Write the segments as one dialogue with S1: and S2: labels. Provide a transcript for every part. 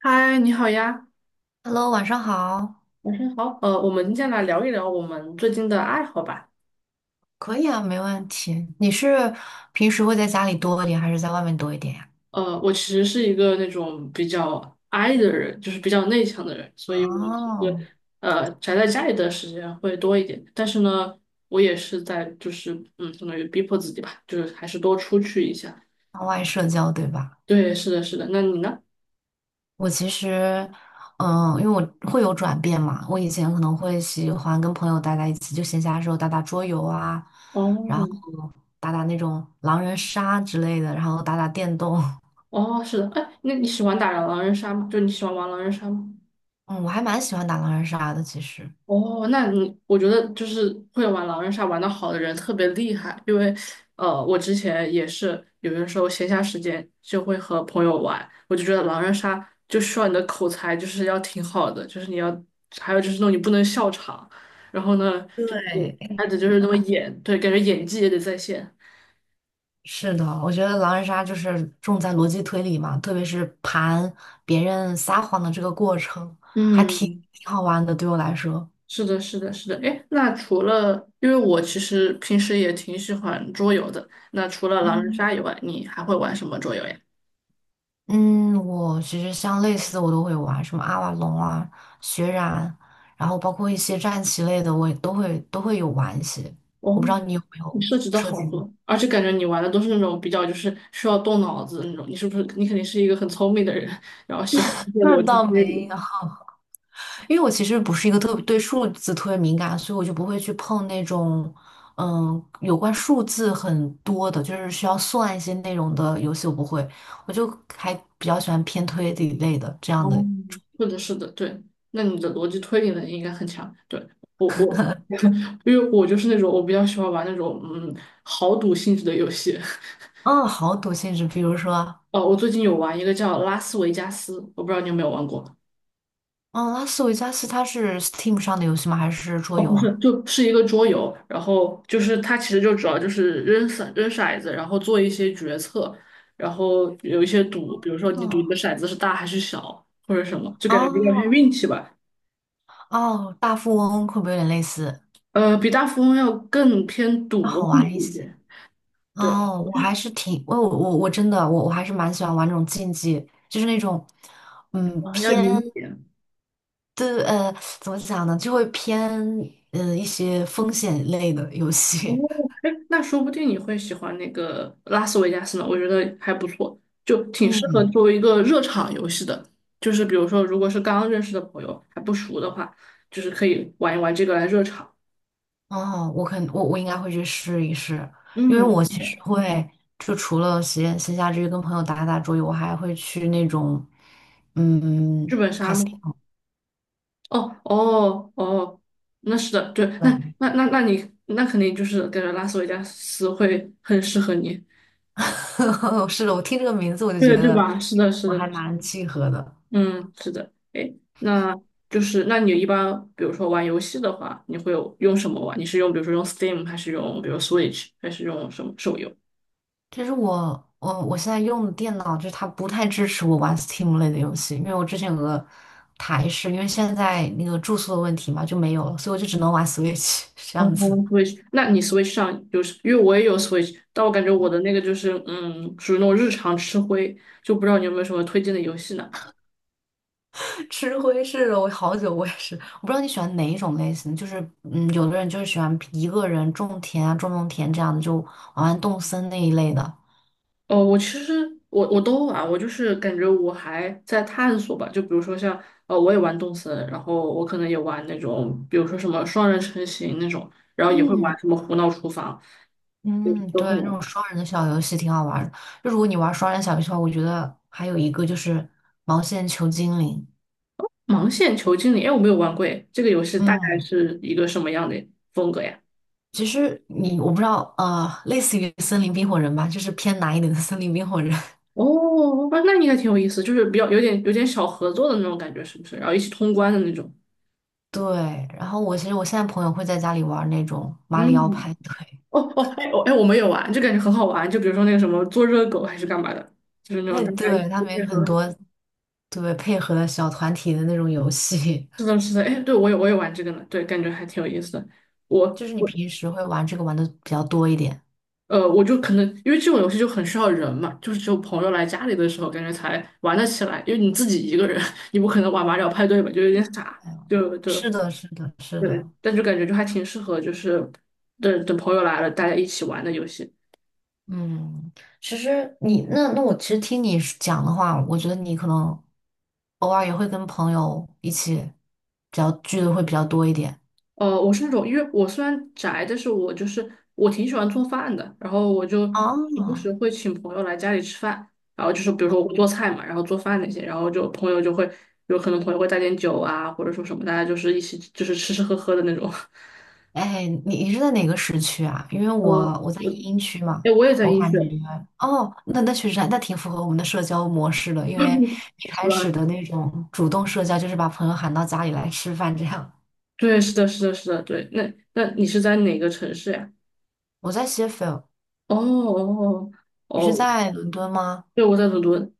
S1: 嗨，你好呀，
S2: Hello，晚上好。
S1: 晚上好。我们今天来聊一聊我们最近的爱好吧。
S2: 可以啊，没问题。你是平时会在家里多一点，还是在外面多一点呀？
S1: 我其实是一个那种比较 I 的人，就是比较内向的人，所以我其实
S2: 哦，
S1: 宅在家里的时间会多一点。但是呢，我也是在就是嗯，相当于逼迫自己吧，就是还是多出去一下。
S2: 向外社交，对吧？
S1: 对，是的，是的。那你呢？
S2: 我其实，因为我会有转变嘛。我以前可能会喜欢跟朋友待在一起，就闲暇的时候打打桌游啊，然后
S1: 哦。
S2: 打打那种狼人杀之类的，然后打打电动。
S1: 哦，是的。哎，那你喜欢打狼人杀吗？就你喜欢玩狼人杀吗？
S2: 嗯，我还蛮喜欢打狼人杀的，其实。
S1: 哦，那你我觉得就是会玩狼人杀玩得好的人特别厉害，因为我之前也是有的时候闲暇时间就会和朋友玩，我就觉得狼人杀就需要你的口才就是要挺好的，就是你要还有就是那种你不能笑场，然后呢就是
S2: 对，
S1: 还得就是那么演，对，感觉演技也得在线。
S2: 是的，我觉得狼人杀就是重在逻辑推理嘛，特别是盘别人撒谎的这个过程，还挺
S1: 嗯，
S2: 挺好玩的。对我来说，
S1: 是的，是的，是的。哎，那除了因为我其实平时也挺喜欢桌游的，那除了狼人
S2: 嗯
S1: 杀以外，你还会玩什么桌游呀？
S2: 嗯，我其实像类似的我都会玩，什么阿瓦隆啊、血染，然后包括一些战棋类的，我也都会有玩一些。
S1: 哦，
S2: 我不知道你有没
S1: 你
S2: 有
S1: 设置的
S2: 涉
S1: 好
S2: 及过？
S1: 多，而且感觉你玩的都是那种比较就是需要动脑子的那种。你是不是你肯定是一个很聪明的人，然后喜欢一些
S2: 那
S1: 逻辑
S2: 倒
S1: 推理？
S2: 没有。因为我其实不是一个特别对数字特别敏感，所以我就不会去碰那种，有关数字很多的，就是需要算一些内容的游戏，我不会，我就还比较喜欢偏推理类的这样
S1: 哦，
S2: 的。
S1: 是的，是的，对。那你的逻辑推理能力应该很强。对，我我，因为我就是那种我比较喜欢玩那种豪赌性质的游戏。
S2: 嗯，好赌性质，比如说，
S1: 哦，我最近有玩一个叫《拉斯维加斯》，我不知道你有没有玩过。
S2: 嗯，拉斯维加斯它是 Steam 上的游戏吗？还是桌
S1: 哦，
S2: 游
S1: 不是，
S2: 啊？
S1: 就是一个桌游，然后就是它其实就主要就是扔扔骰子，然后做一些决策，然后有一些赌，比如说你赌你的
S2: 嗯，
S1: 骰子是大还是小，或者什么，就感觉比较偏
S2: 哦
S1: 运气吧。
S2: 哦，大富翁会不会有点类似？
S1: 比大富翁要更偏赌
S2: 要
S1: 博
S2: 好
S1: 性
S2: 玩
S1: 质
S2: 一
S1: 一
S2: 些。
S1: 些，对，
S2: 哦，我还是挺，我我我真的我我还是蛮喜欢玩这种竞技，就是那种，
S1: 啊，要赢
S2: 偏
S1: 一点。
S2: 对怎么讲呢，就会偏一些风险类的游
S1: 哦，
S2: 戏。
S1: 哎，那说不定你会喜欢那个拉斯维加斯呢，我觉得还不错，就 挺适合
S2: 嗯，
S1: 作为一个热场游戏的。就是比如说，如果是刚认识的朋友还不熟的话，就是可以玩一玩这个来热场。
S2: 哦，我肯我我应该会去试一试，因为
S1: 嗯，
S2: 我其实会就除了闲暇之余跟朋友打打桌游，我还会去那种，
S1: 剧
S2: 嗯，
S1: 本杀吗？哦哦哦，那是的，对，那
S2: 对，
S1: 那那那你那肯定就是感觉拉斯维加斯会很适合你，
S2: 是的，我听这个名字我就
S1: 对
S2: 觉
S1: 对
S2: 得
S1: 吧？是的，是
S2: 我还
S1: 的，
S2: 蛮契合的。
S1: 嗯，是的，哎，那就是那你一般比如说玩游戏的话，你会有用什么玩？你是用比如说用 Steam 还是用比如 Switch 还是用什么手游？
S2: 就是我现在用的电脑，就是它不太支持我玩 Steam 类的游戏，因为我之前有个台式，因为现在那个住宿的问题嘛，就没有了，所以我就只能玩 Switch 这
S1: 哦
S2: 样子，
S1: ，Switch，那你 Switch 上就是因为我也有 Switch，但我感觉我的那个属于那种日常吃灰，就不知道你有没有什么推荐的游戏呢？
S2: 吃灰是了我好久，我也是，我不知道你喜欢哪一种类型，就是有的人就是喜欢一个人种田啊，种种田这样的，就玩玩动森那一类的。
S1: 哦，我其实我都玩，我就是感觉我还在探索吧。就比如说像哦，我也玩动森，然后我可能也玩那种，比如说什么双人成行那种，然后也会
S2: 嗯
S1: 玩什么胡闹厨房，对，
S2: 嗯，
S1: 都
S2: 对，
S1: 会
S2: 那
S1: 玩。
S2: 种双人的小游戏挺好玩的。就如果你玩双人小游戏的话，我觉得还有一个就是毛线球精灵。
S1: 盲线球经理，哎，我没有玩过，哎，这个游戏大概
S2: 嗯。
S1: 是一个什么样的风格呀？
S2: 其实我不知道，类似于森林冰火人吧，就是偏难一点的森林冰火人。
S1: 哦，那那应该挺有意思，就是比较有点小合作的那种感觉，是不是？然后一起通关的那种。
S2: 对，然后我其实我现在朋友会在家里玩那种马里奥派
S1: 嗯，
S2: 对，
S1: 哦哦，哎哦哎，我们也玩，就感觉很好玩。就比如说那个什么做热狗还是干嘛的，就是那种
S2: 哎，
S1: 大家一起
S2: 对，他们
S1: 配
S2: 有很
S1: 合。
S2: 多对配合的小团体的那种游戏，
S1: 是的，是的，哎，对，我也玩这个呢，对，感觉还挺有意思的。我
S2: 就是你
S1: 我
S2: 平时会玩这个玩的比较多一点。
S1: 我就可能因为这种游戏就很需要人嘛，就是只有朋友来家里的时候，感觉才玩得起来。因为你自己一个人，你不可能玩马里奥派对吧，就有点傻。
S2: 嗯，
S1: 就就
S2: 是的，是的，是
S1: 对，
S2: 的。
S1: 但就感觉就还挺适合，就是等等朋友来了，大家一起玩的游戏。
S2: 嗯，其实你那那我其实听你是讲的话，我觉得你可能偶尔也会跟朋友一起比较聚的会比较多一点。
S1: 我是那种，因为我虽然宅，但是我就是我挺喜欢做饭的，然后我就时不
S2: 哦，
S1: 时会请朋友来家里吃饭，然后就是比如说我会做菜嘛，然后做饭那些，然后就朋友就会有可能朋友会带点酒啊，或者说什么，大家就是一起就是吃吃喝喝的那种。
S2: 哎，你是在哪个时区啊？因为
S1: 呃，
S2: 我在
S1: 我
S2: 英区嘛，
S1: 哎，我也在
S2: 我
S1: 医
S2: 感
S1: 学。
S2: 觉哦，那确实还挺符合我们的社交模式的，因为一
S1: 是
S2: 开
S1: 吧？
S2: 始的那种主动社交就是把朋友喊到家里来吃饭这样。
S1: 对，是的，是的，是的，对。那那你是在哪个城市呀？
S2: 我在谢菲尔，
S1: 哦哦哦，
S2: 你是
S1: 哦，
S2: 在伦敦吗？
S1: 对，我在伦敦。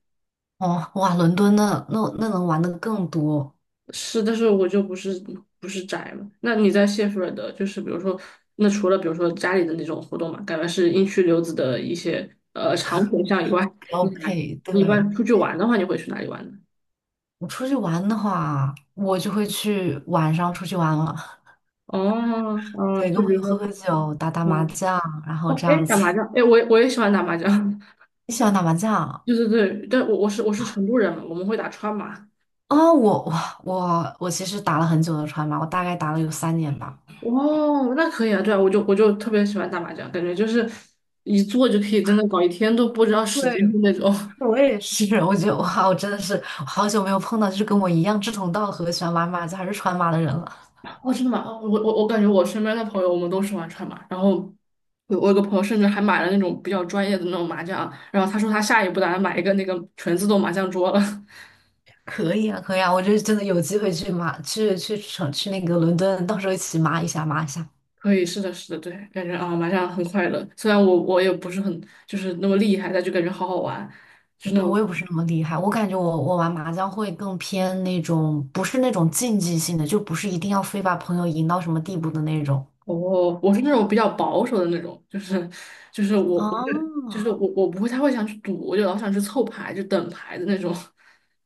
S2: 哦，哇，伦敦那能玩的更多，
S1: 是，但是我就不是不是宅嘛。那你在谢菲尔德，就是比如说，那除了比如说家里的那种活动嘛，感觉是英区留子的一些长选项以外，
S2: 标
S1: 你
S2: 配。
S1: 你一
S2: 对，
S1: 般出去玩的话，你会去哪里玩呢？
S2: 我出去玩的话，我就会去晚上出去玩了，
S1: 哦，
S2: 对，
S1: 就
S2: 跟朋
S1: 比
S2: 友
S1: 如
S2: 喝
S1: 说，
S2: 喝酒，打打麻
S1: 嗯。
S2: 将，然后
S1: 哦，
S2: 这样
S1: 哎，打麻
S2: 子。
S1: 将，哎，我也喜欢打麻将。
S2: 你喜欢打麻 将？
S1: 对对对，但我是成都人嘛，我们会打川麻。
S2: 啊，我其实打了很久的川麻，我大概打了有三年吧。
S1: 哦，那可以啊，对啊，我就特别喜欢打麻将，感觉就是一坐就可以真的搞一天都不知道时间
S2: 对，
S1: 的那种。
S2: 我也是。我觉得哇，我真的是我好久没有碰到就是跟我一样志同道合、喜欢玩马将还是川马的人了。
S1: 哦，真的吗？哦，我感觉我身边的朋友，我们都喜欢串嘛。然后我有个朋友甚至还买了那种比较专业的那种麻将，然后他说他下一步打算买一个那个全自动麻将桌了。
S2: 可以啊，可以啊，我就真的有机会去马去去城去那个伦敦，到时候一起麻一下。
S1: 可以，是的，是的，对，感觉啊，麻将很快乐。虽然我也不是很就是那么厉害，但就感觉好好玩，就是那
S2: 对，
S1: 种
S2: 我也不是那么厉害，我感觉我我玩麻将会更偏那种不是那种竞技性的，就不是一定要非把朋友赢到什么地步的那种。
S1: 哦，我是那种比较保守的那种，就是我不会，
S2: 哦，
S1: 我我不会太会想去赌，我就老想去凑牌，就等牌的那种。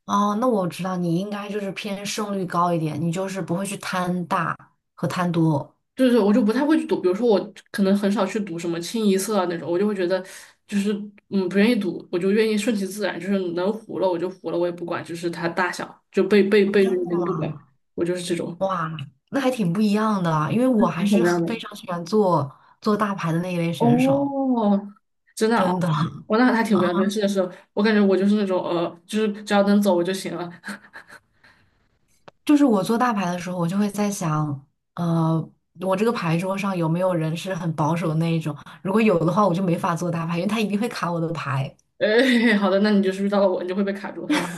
S2: 哦，那我知道你应该就是偏胜率高一点，你就是不会去贪大和贪多。
S1: 对对，我就不太会去读，比如说我可能很少去赌什么清一色啊那种，我就会觉得就是不愿意赌，我就愿意顺其自然，就是能糊了我就糊了，我也不管，就是它大小就背
S2: 真
S1: 着你
S2: 的
S1: 就不管，
S2: 吗？
S1: 我就是这种，
S2: 哇，那还挺不一样的啊，因为
S1: 你
S2: 我还
S1: 是什
S2: 是
S1: 么样的？
S2: 非常喜欢做做大牌的那一类选手，
S1: 哦，真的啊，
S2: 真的。
S1: 我那还挺不一样的，是的是的，我感觉我就是那种就是只要能走我就行了。
S2: 就是我做大牌的时候，我就会在想，呃，我这个牌桌上有没有人是很保守的那一种？如果有的话，我就没法做大牌，因为他一定会卡我的牌。
S1: 哎，好的，那你就是遇到了我，你就会被卡住，哈哈。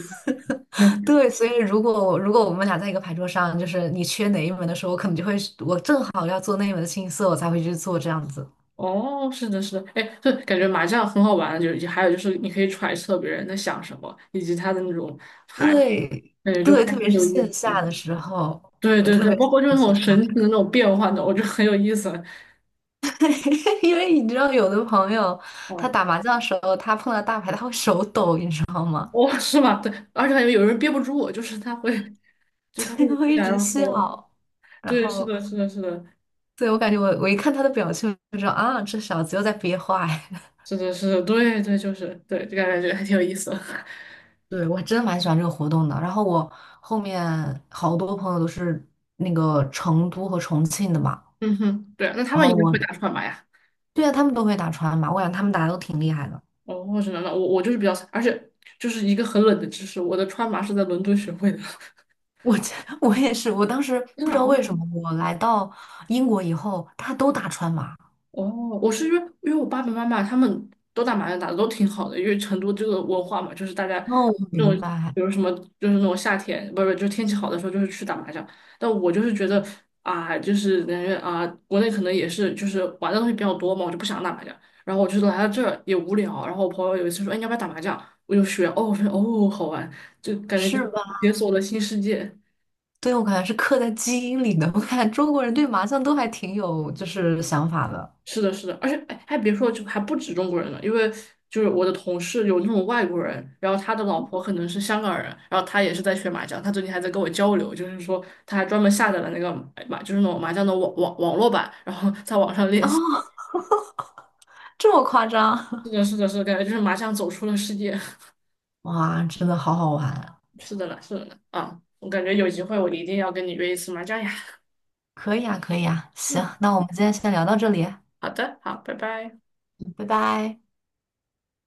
S2: 对，所以如果我们俩在一个牌桌上，就是你缺哪一门的时候，我可能就会我正好要做那一门的清一色，我才会去做这样子。
S1: 哦，是的，是的，哎，对，感觉麻将很好玩，就是还有就是你可以揣测别人在想什么，以及他的那种牌，
S2: 对
S1: 感觉就还
S2: 对，特别
S1: 挺
S2: 是
S1: 有意
S2: 线
S1: 思。
S2: 下的时候，
S1: 对
S2: 我
S1: 对
S2: 特
S1: 对，
S2: 别
S1: 包
S2: 喜
S1: 括就是
S2: 欢
S1: 那
S2: 线
S1: 种
S2: 下
S1: 神奇的那
S2: 打
S1: 种变换的，我觉得很有意思。
S2: 因为你知道有的朋友他
S1: 嗯。
S2: 打麻将的时候，他碰到大牌他会手抖，你知道吗？
S1: 哦，是吧？对，而且感觉有人憋不住我就是他会，就是他 会
S2: 他会一
S1: 想
S2: 直
S1: 要说，
S2: 笑，然
S1: 对，是
S2: 后
S1: 的，是的，是的，
S2: 对我感觉我一看他的表情，我就知道啊，这小子又在憋坏。
S1: 是的，是的，对对，就是对，就感觉还挺有意思的。
S2: 对，我还真蛮喜欢这个活动的。然后我后面好多朋友都是那个成都和重庆的嘛，
S1: 嗯哼，对啊，那他
S2: 然
S1: 们应
S2: 后
S1: 该会
S2: 我
S1: 打出来吧呀？
S2: 对啊，他们都会打川麻，我感觉他们打的都挺厉害的。
S1: 哦，我只能了，就是比较，而且就是一个很冷的知识，我的川麻是在伦敦学会的。
S2: 我这 我也是，我当时
S1: 真
S2: 不
S1: 的，
S2: 知道为什么，我来到英国以后，大家都打川麻。
S1: 哦，我是因为我爸爸妈妈他们都打麻将打的都挺好的，因为成都这个文化嘛，就是大家
S2: 哦，我
S1: 那
S2: 明
S1: 种
S2: 白，
S1: 比如什么就是那种夏天，不是就天气好的时候就是去打麻将。但我就是觉得啊，就是感觉啊，国内可能也是就是玩的东西比较多嘛，我就不想打麻将。然后我就来到这儿也无聊，然后我朋友有一次说，哎，你要不要打麻将？我就学，哦，我说哦，好玩，就感觉就是
S2: 是吧？
S1: 解锁了新世界。
S2: 对，我感觉是刻在基因里的。我看中国人对麻将都还挺有就是想法的。
S1: 是的，是的，而且哎，还别说，就还不止中国人呢，因为就是我的同事有那种外国人，然后他的老婆可能是香港人，然后他也是在学麻将，他最近还在跟我交流，就是说他还专门下载了那个就是那种麻将的网络版，然后 在网上练
S2: 哦，
S1: 习。
S2: 这么夸
S1: 是
S2: 张？
S1: 的，是的，是的，感觉就是麻将走出了世界。
S2: 哇，真的好好玩。
S1: 是的呢，是的呢，啊，我感觉有机会我一定要跟你约一次麻将呀。
S2: 可以啊，可以啊，行，
S1: 嗯，
S2: 那我们今天先聊到这里，
S1: 好的，好，拜拜。
S2: 拜拜。